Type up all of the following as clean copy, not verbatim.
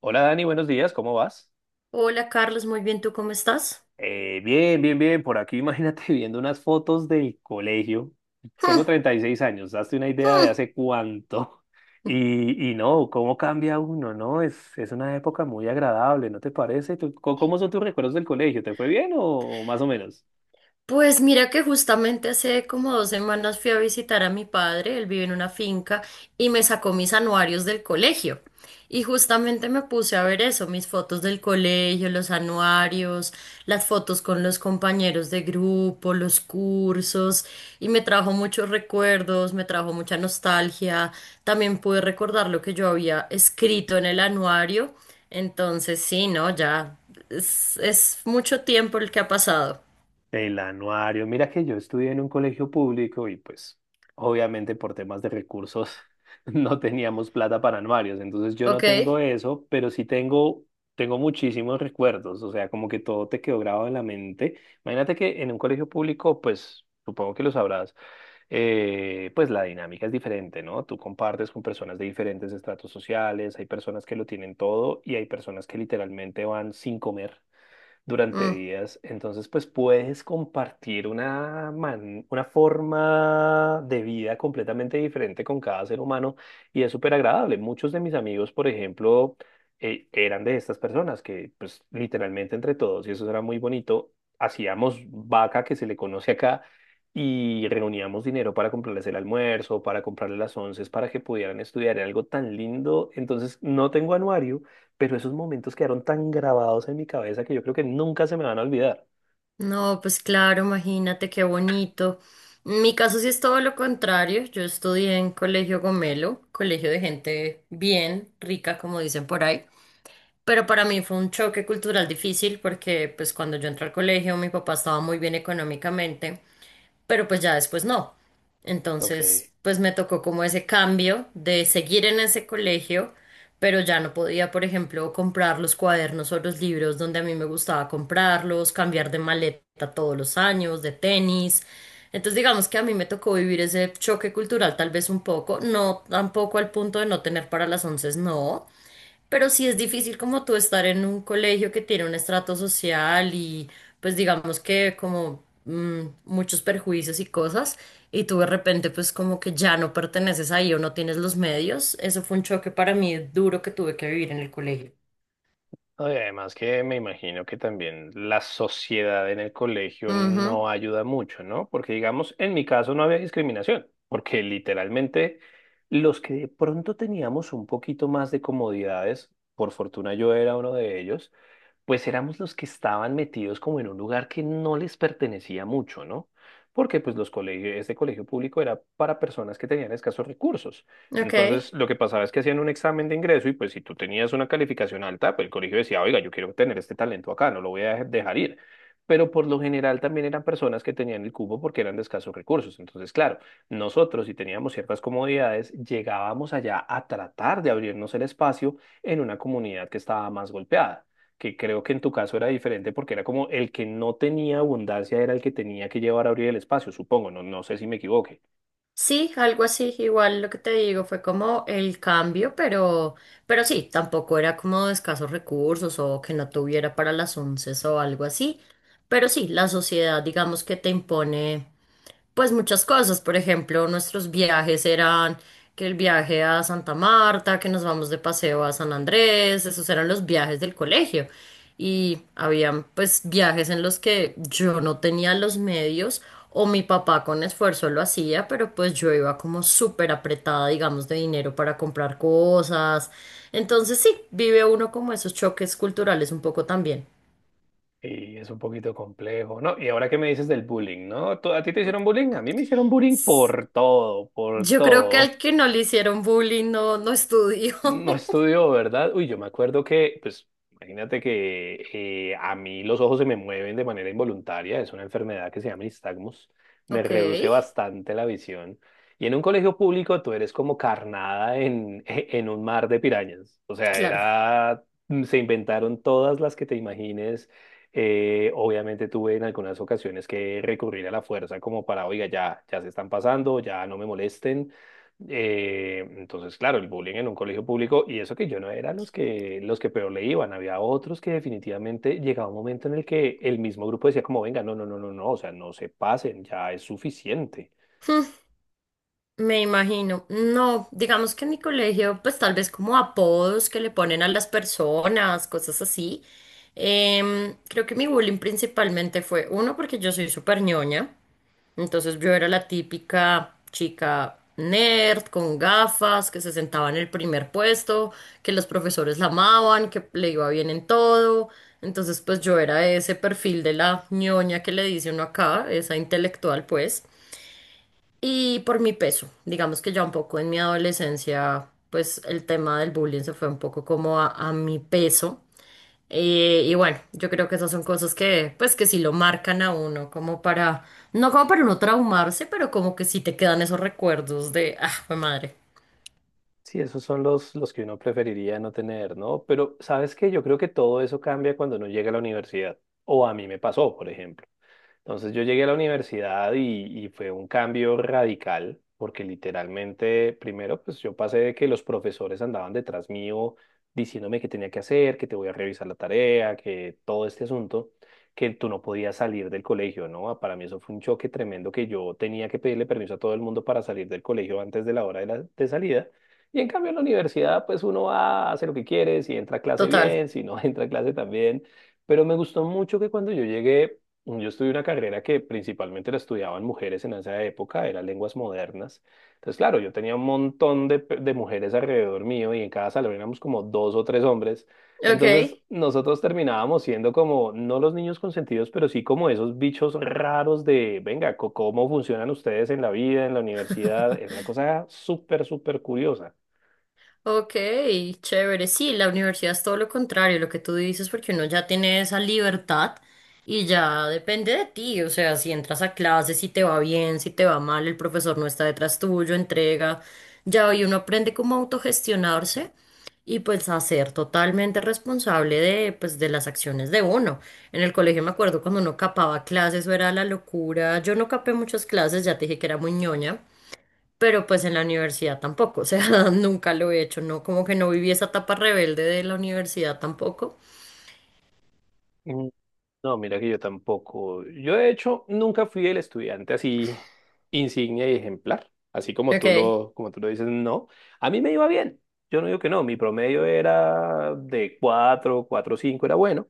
Hola Dani, buenos días, ¿cómo vas? Hola Carlos, muy bien, ¿tú cómo estás? Bien, bien, bien, por aquí imagínate viendo unas fotos del colegio. Tengo 36 años, hazte una idea de hace cuánto. Y no, cómo cambia uno, ¿no? Es una época muy agradable, ¿no te parece? Cómo son tus recuerdos del colegio? ¿Te fue bien o más o menos? Pues mira que justamente hace como 2 semanas fui a visitar a mi padre, él vive en una finca y me sacó mis anuarios del colegio. Y justamente me puse a ver eso, mis fotos del colegio, los anuarios, las fotos con los compañeros de grupo, los cursos, y me trajo muchos recuerdos, me trajo mucha nostalgia. También pude recordar lo que yo había escrito en el anuario. Entonces, sí, no, ya es mucho tiempo el que ha pasado. El anuario. Mira que yo estudié en un colegio público y pues obviamente por temas de recursos no teníamos plata para anuarios, entonces yo no ¿Ok? tengo eso, pero sí tengo muchísimos recuerdos, o sea, como que todo te quedó grabado en la mente. Imagínate que en un colegio público, pues supongo que lo sabrás, pues la dinámica es diferente, ¿no? Tú compartes con personas de diferentes estratos sociales, hay personas que lo tienen todo y hay personas que literalmente van sin comer durante Mm. días. Entonces, pues puedes compartir una, una forma de vida completamente diferente con cada ser humano y es súper agradable. Muchos de mis amigos, por ejemplo, eran de estas personas que, pues, literalmente entre todos, y eso era muy bonito, hacíamos vaca que se le conoce acá. Y reuníamos dinero para comprarles el almuerzo, para comprarles las onces, para que pudieran estudiar. Era algo tan lindo. Entonces, no tengo anuario, pero esos momentos quedaron tan grabados en mi cabeza que yo creo que nunca se me van a olvidar. No, pues claro, imagínate qué bonito. En mi caso sí es todo lo contrario. Yo estudié en Colegio Gomelo, colegio de gente bien rica, como dicen por ahí. Pero para mí fue un choque cultural difícil porque pues cuando yo entré al colegio mi papá estaba muy bien económicamente, pero pues ya después no. Entonces, Ok. pues me tocó como ese cambio de seguir en ese colegio, pero ya no podía, por ejemplo, comprar los cuadernos o los libros donde a mí me gustaba comprarlos, cambiar de maleta todos los años, de tenis. Entonces, digamos que a mí me tocó vivir ese choque cultural tal vez un poco, no tampoco al punto de no tener para las once, no, pero sí es difícil como tú estar en un colegio que tiene un estrato social y pues digamos que como muchos perjuicios y cosas y tú de repente pues como que ya no perteneces ahí o no tienes los medios. Eso fue un choque para mí duro que tuve que vivir en el colegio. No, y además que me imagino que también la sociedad en el colegio Ujú. no ayuda mucho, ¿no? Porque digamos, en mi caso no había discriminación, porque literalmente los que de pronto teníamos un poquito más de comodidades, por fortuna yo era uno de ellos, pues éramos los que estaban metidos como en un lugar que no les pertenecía mucho, ¿no? Porque pues los colegios, este colegio público era para personas que tenían escasos recursos. Ok. Entonces, lo que pasaba es que hacían un examen de ingreso y pues si tú tenías una calificación alta, pues el colegio decía, oiga, yo quiero tener este talento acá, no lo voy a dejar ir. Pero por lo general también eran personas que tenían el cupo porque eran de escasos recursos. Entonces, claro, nosotros si teníamos ciertas comodidades, llegábamos allá a tratar de abrirnos el espacio en una comunidad que estaba más golpeada que creo que en tu caso era diferente porque era como el que no tenía abundancia era el que tenía que llevar a abrir el espacio, supongo, no, no sé si me equivoque. Sí, algo así, igual lo que te digo fue como el cambio, pero sí, tampoco era como de escasos recursos o que no tuviera para las once o algo así, pero sí, la sociedad digamos que te impone. Pues muchas cosas, por ejemplo, nuestros viajes eran que el viaje a Santa Marta, que nos vamos de paseo a San Andrés, esos eran los viajes del colegio. Y habían pues viajes en los que yo no tenía los medios o mi papá con esfuerzo lo hacía, pero pues yo iba como súper apretada, digamos, de dinero para comprar cosas. Entonces sí, vive uno como esos choques culturales un poco también. Y es un poquito complejo, ¿no? Y ahora que me dices del bullying, ¿no? A ti te hicieron bullying? A mí me hicieron bullying S- por todo, por Yo creo que todo. al que no le hicieron bullying no, no estudió. No estudió, ¿verdad? Uy, yo me acuerdo que, pues, imagínate que a mí los ojos se me mueven de manera involuntaria, es una enfermedad que se llama nistagmus, me Ok, reduce bastante la visión. Y en un colegio público tú eres como carnada en, en un mar de pirañas. O sea, claro, era, se inventaron todas las que te imagines. Obviamente tuve en algunas ocasiones que recurrir a la fuerza como para, oiga, ya, ya se están pasando, ya no me molesten. Entonces, claro, el bullying en un colegio público, y eso que yo no era los que peor le iban, había otros que definitivamente llegaba un momento en el que el mismo grupo decía como, venga, no, no, no, no, no, o sea, no se pasen, ya es suficiente. me imagino. No, digamos que en mi colegio, pues tal vez como apodos que le ponen a las personas, cosas así. Creo que mi bullying principalmente fue, uno, porque yo soy súper ñoña, entonces yo era la típica chica nerd con gafas que se sentaba en el primer puesto, que los profesores la amaban, que le iba bien en todo. Entonces, pues yo era ese perfil de la ñoña que le dice uno acá, esa intelectual, pues. Y por mi peso, digamos que ya un poco en mi adolescencia, pues el tema del bullying se fue un poco como a mi peso. Y bueno, yo creo que esas son cosas que, pues que sí lo marcan a uno, como para, no como para uno traumarse, pero como que sí te quedan esos recuerdos de, ah, fue madre. Sí, esos son los que uno preferiría no tener, ¿no? Pero, ¿sabes qué? Yo creo que todo eso cambia cuando uno llega a la universidad, o a mí me pasó, por ejemplo. Entonces yo llegué a la universidad y fue un cambio radical, porque literalmente, primero, pues yo pasé de que los profesores andaban detrás mío diciéndome qué tenía que hacer, que te voy a revisar la tarea, que todo este asunto, que tú no podías salir del colegio, ¿no? Ah, para mí eso fue un choque tremendo que yo tenía que pedirle permiso a todo el mundo para salir del colegio antes de la hora de salida. Y en cambio en la universidad, pues uno va, hace lo que quiere, si entra a clase Total. bien, si no entra a clase también. Pero me gustó mucho que cuando yo llegué yo estudié una carrera que principalmente la estudiaban mujeres en esa época, era lenguas modernas. Entonces, claro, yo tenía un montón de, de mujeres alrededor mío y en cada salón éramos como dos o tres hombres. Entonces, Ok. nosotros terminábamos siendo como, no los niños consentidos, pero sí como esos bichos raros de, venga, ¿cómo funcionan ustedes en la vida, en la universidad? Era una cosa súper, súper curiosa. Ok, chévere. Sí, la universidad es todo lo contrario, lo que tú dices, porque uno ya tiene esa libertad y ya depende de ti. O sea, si entras a clase, si te va bien, si te va mal, el profesor no está detrás tuyo, entrega. Ya hoy uno aprende cómo autogestionarse y pues a ser totalmente responsable de, pues, de las acciones de uno. En el colegio me acuerdo cuando uno capaba clases, eso era la locura. Yo no capé muchas clases, ya te dije que era muy ñoña, pero pues en la universidad tampoco, o sea, nunca lo he hecho, no, como que no viví esa etapa rebelde de la universidad tampoco. No, mira que yo tampoco. Yo de hecho nunca fui el estudiante así insignia y ejemplar, así como Ok, como tú lo dices, no. A mí me iba bien. Yo no digo que no, mi promedio era de 4, 4 5, era bueno,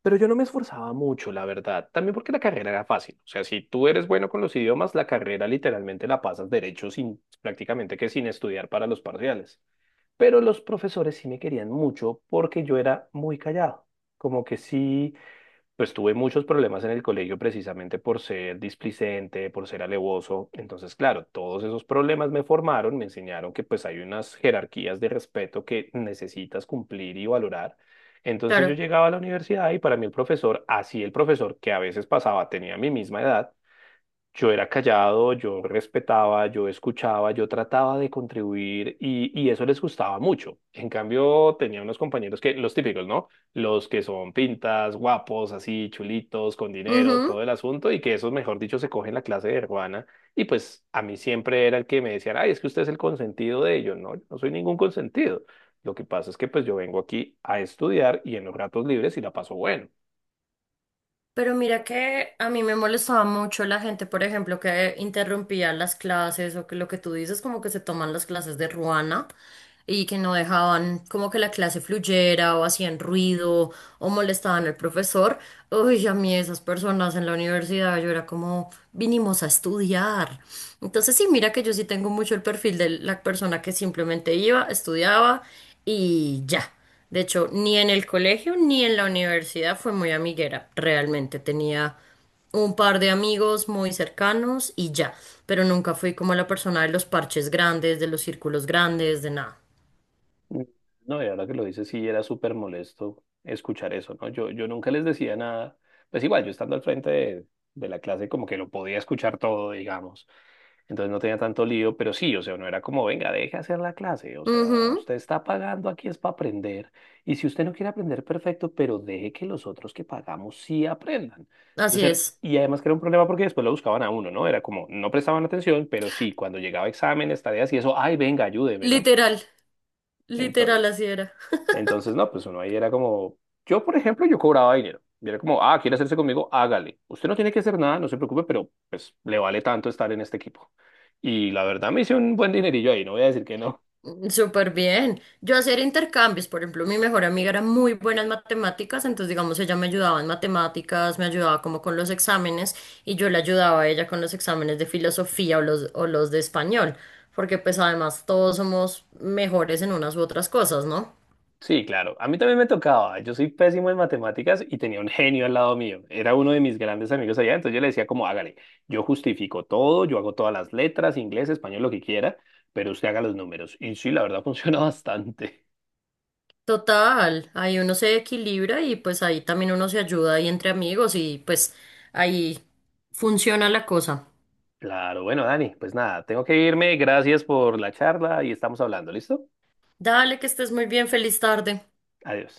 pero yo no me esforzaba mucho, la verdad. También porque la carrera era fácil. O sea, si tú eres bueno con los idiomas, la carrera literalmente la pasas derecho sin prácticamente que sin estudiar para los parciales. Pero los profesores sí me querían mucho porque yo era muy callado. Como que sí pues tuve muchos problemas en el colegio precisamente por ser displicente, por ser alevoso. Entonces, claro, todos esos problemas me formaron, me enseñaron que pues hay unas jerarquías de respeto que necesitas cumplir y valorar. Entonces yo claro. llegaba a la universidad y para mí el profesor, así el profesor que a veces pasaba, tenía mi misma edad, yo era callado, yo respetaba, yo escuchaba, yo trataba de contribuir y eso les gustaba mucho. En cambio, tenía unos compañeros que, los típicos, ¿no? Los que son pintas, guapos, así, chulitos, con dinero, Ujú. todo el asunto, y que esos, mejor dicho, se cogen la clase de hermana. Y pues a mí siempre era el que me decían ay, es que usted es el consentido de ellos. No, yo no soy ningún consentido. Lo que pasa es que pues yo vengo aquí a estudiar y en los ratos libres y la paso bueno. Pero mira que a mí me molestaba mucho la gente, por ejemplo, que interrumpía las clases o que lo que tú dices, como que se toman las clases de ruana y que no dejaban como que la clase fluyera o hacían ruido o molestaban al profesor. Uy, a mí esas personas en la universidad, yo era como, vinimos a estudiar. Entonces, sí, mira que yo sí tengo mucho el perfil de la persona que simplemente iba, estudiaba y ya. De hecho, ni en el colegio ni en la universidad fue muy amiguera. Realmente tenía un par de amigos muy cercanos y ya. Pero nunca fui como la persona de los parches grandes, de los círculos grandes, de nada. Mm. No, y ahora que lo dices, sí, era súper molesto escuchar eso, ¿no? Yo nunca les decía nada. Pues igual, yo estando al frente de la clase como que lo podía escuchar todo, digamos. Entonces no tenía tanto lío, pero sí, o sea, no era como, venga, deje hacer la clase, o sea, Ujú, usted está pagando aquí es para aprender, y si usted no quiere aprender, perfecto, pero deje que los otros que pagamos sí aprendan. así Entonces, es. y además que era un problema porque después lo buscaban a uno, ¿no? Era como, no prestaban atención, pero sí, cuando llegaba exámenes, tareas y eso, ay, venga, ayúdeme, ¿no? Literal, Ento- literal así era. entonces, no, pues uno ahí era como, yo por ejemplo, yo cobraba dinero. Y era como, ah, quiere hacerse conmigo, hágale. Usted no tiene que hacer nada, no se preocupe, pero pues le vale tanto estar en este equipo. Y la verdad me hice un buen dinerillo ahí, no voy a decir que no. Mm. Súper bien. Yo hacer intercambios, por ejemplo, mi mejor amiga era muy buena en matemáticas, entonces digamos ella me ayudaba en matemáticas, me ayudaba como con los exámenes y yo le ayudaba a ella con los exámenes de filosofía o los de español, porque pues además todos somos mejores en unas u otras cosas, ¿no? Sí, claro, a mí también me tocaba. Yo soy pésimo en matemáticas y tenía un genio al lado mío. Era uno de mis grandes amigos allá, entonces yo le decía como, hágale, yo justifico todo, yo hago todas las letras, inglés, español, lo que quiera, pero usted haga los números. Y sí, la verdad funciona bastante. Total, ahí uno se equilibra y pues ahí también uno se ayuda ahí entre amigos y pues ahí funciona la cosa. Claro, bueno, Dani, pues nada, tengo que irme. Gracias por la charla y estamos hablando, ¿listo? Dale, que estés muy bien, feliz tarde. Adiós.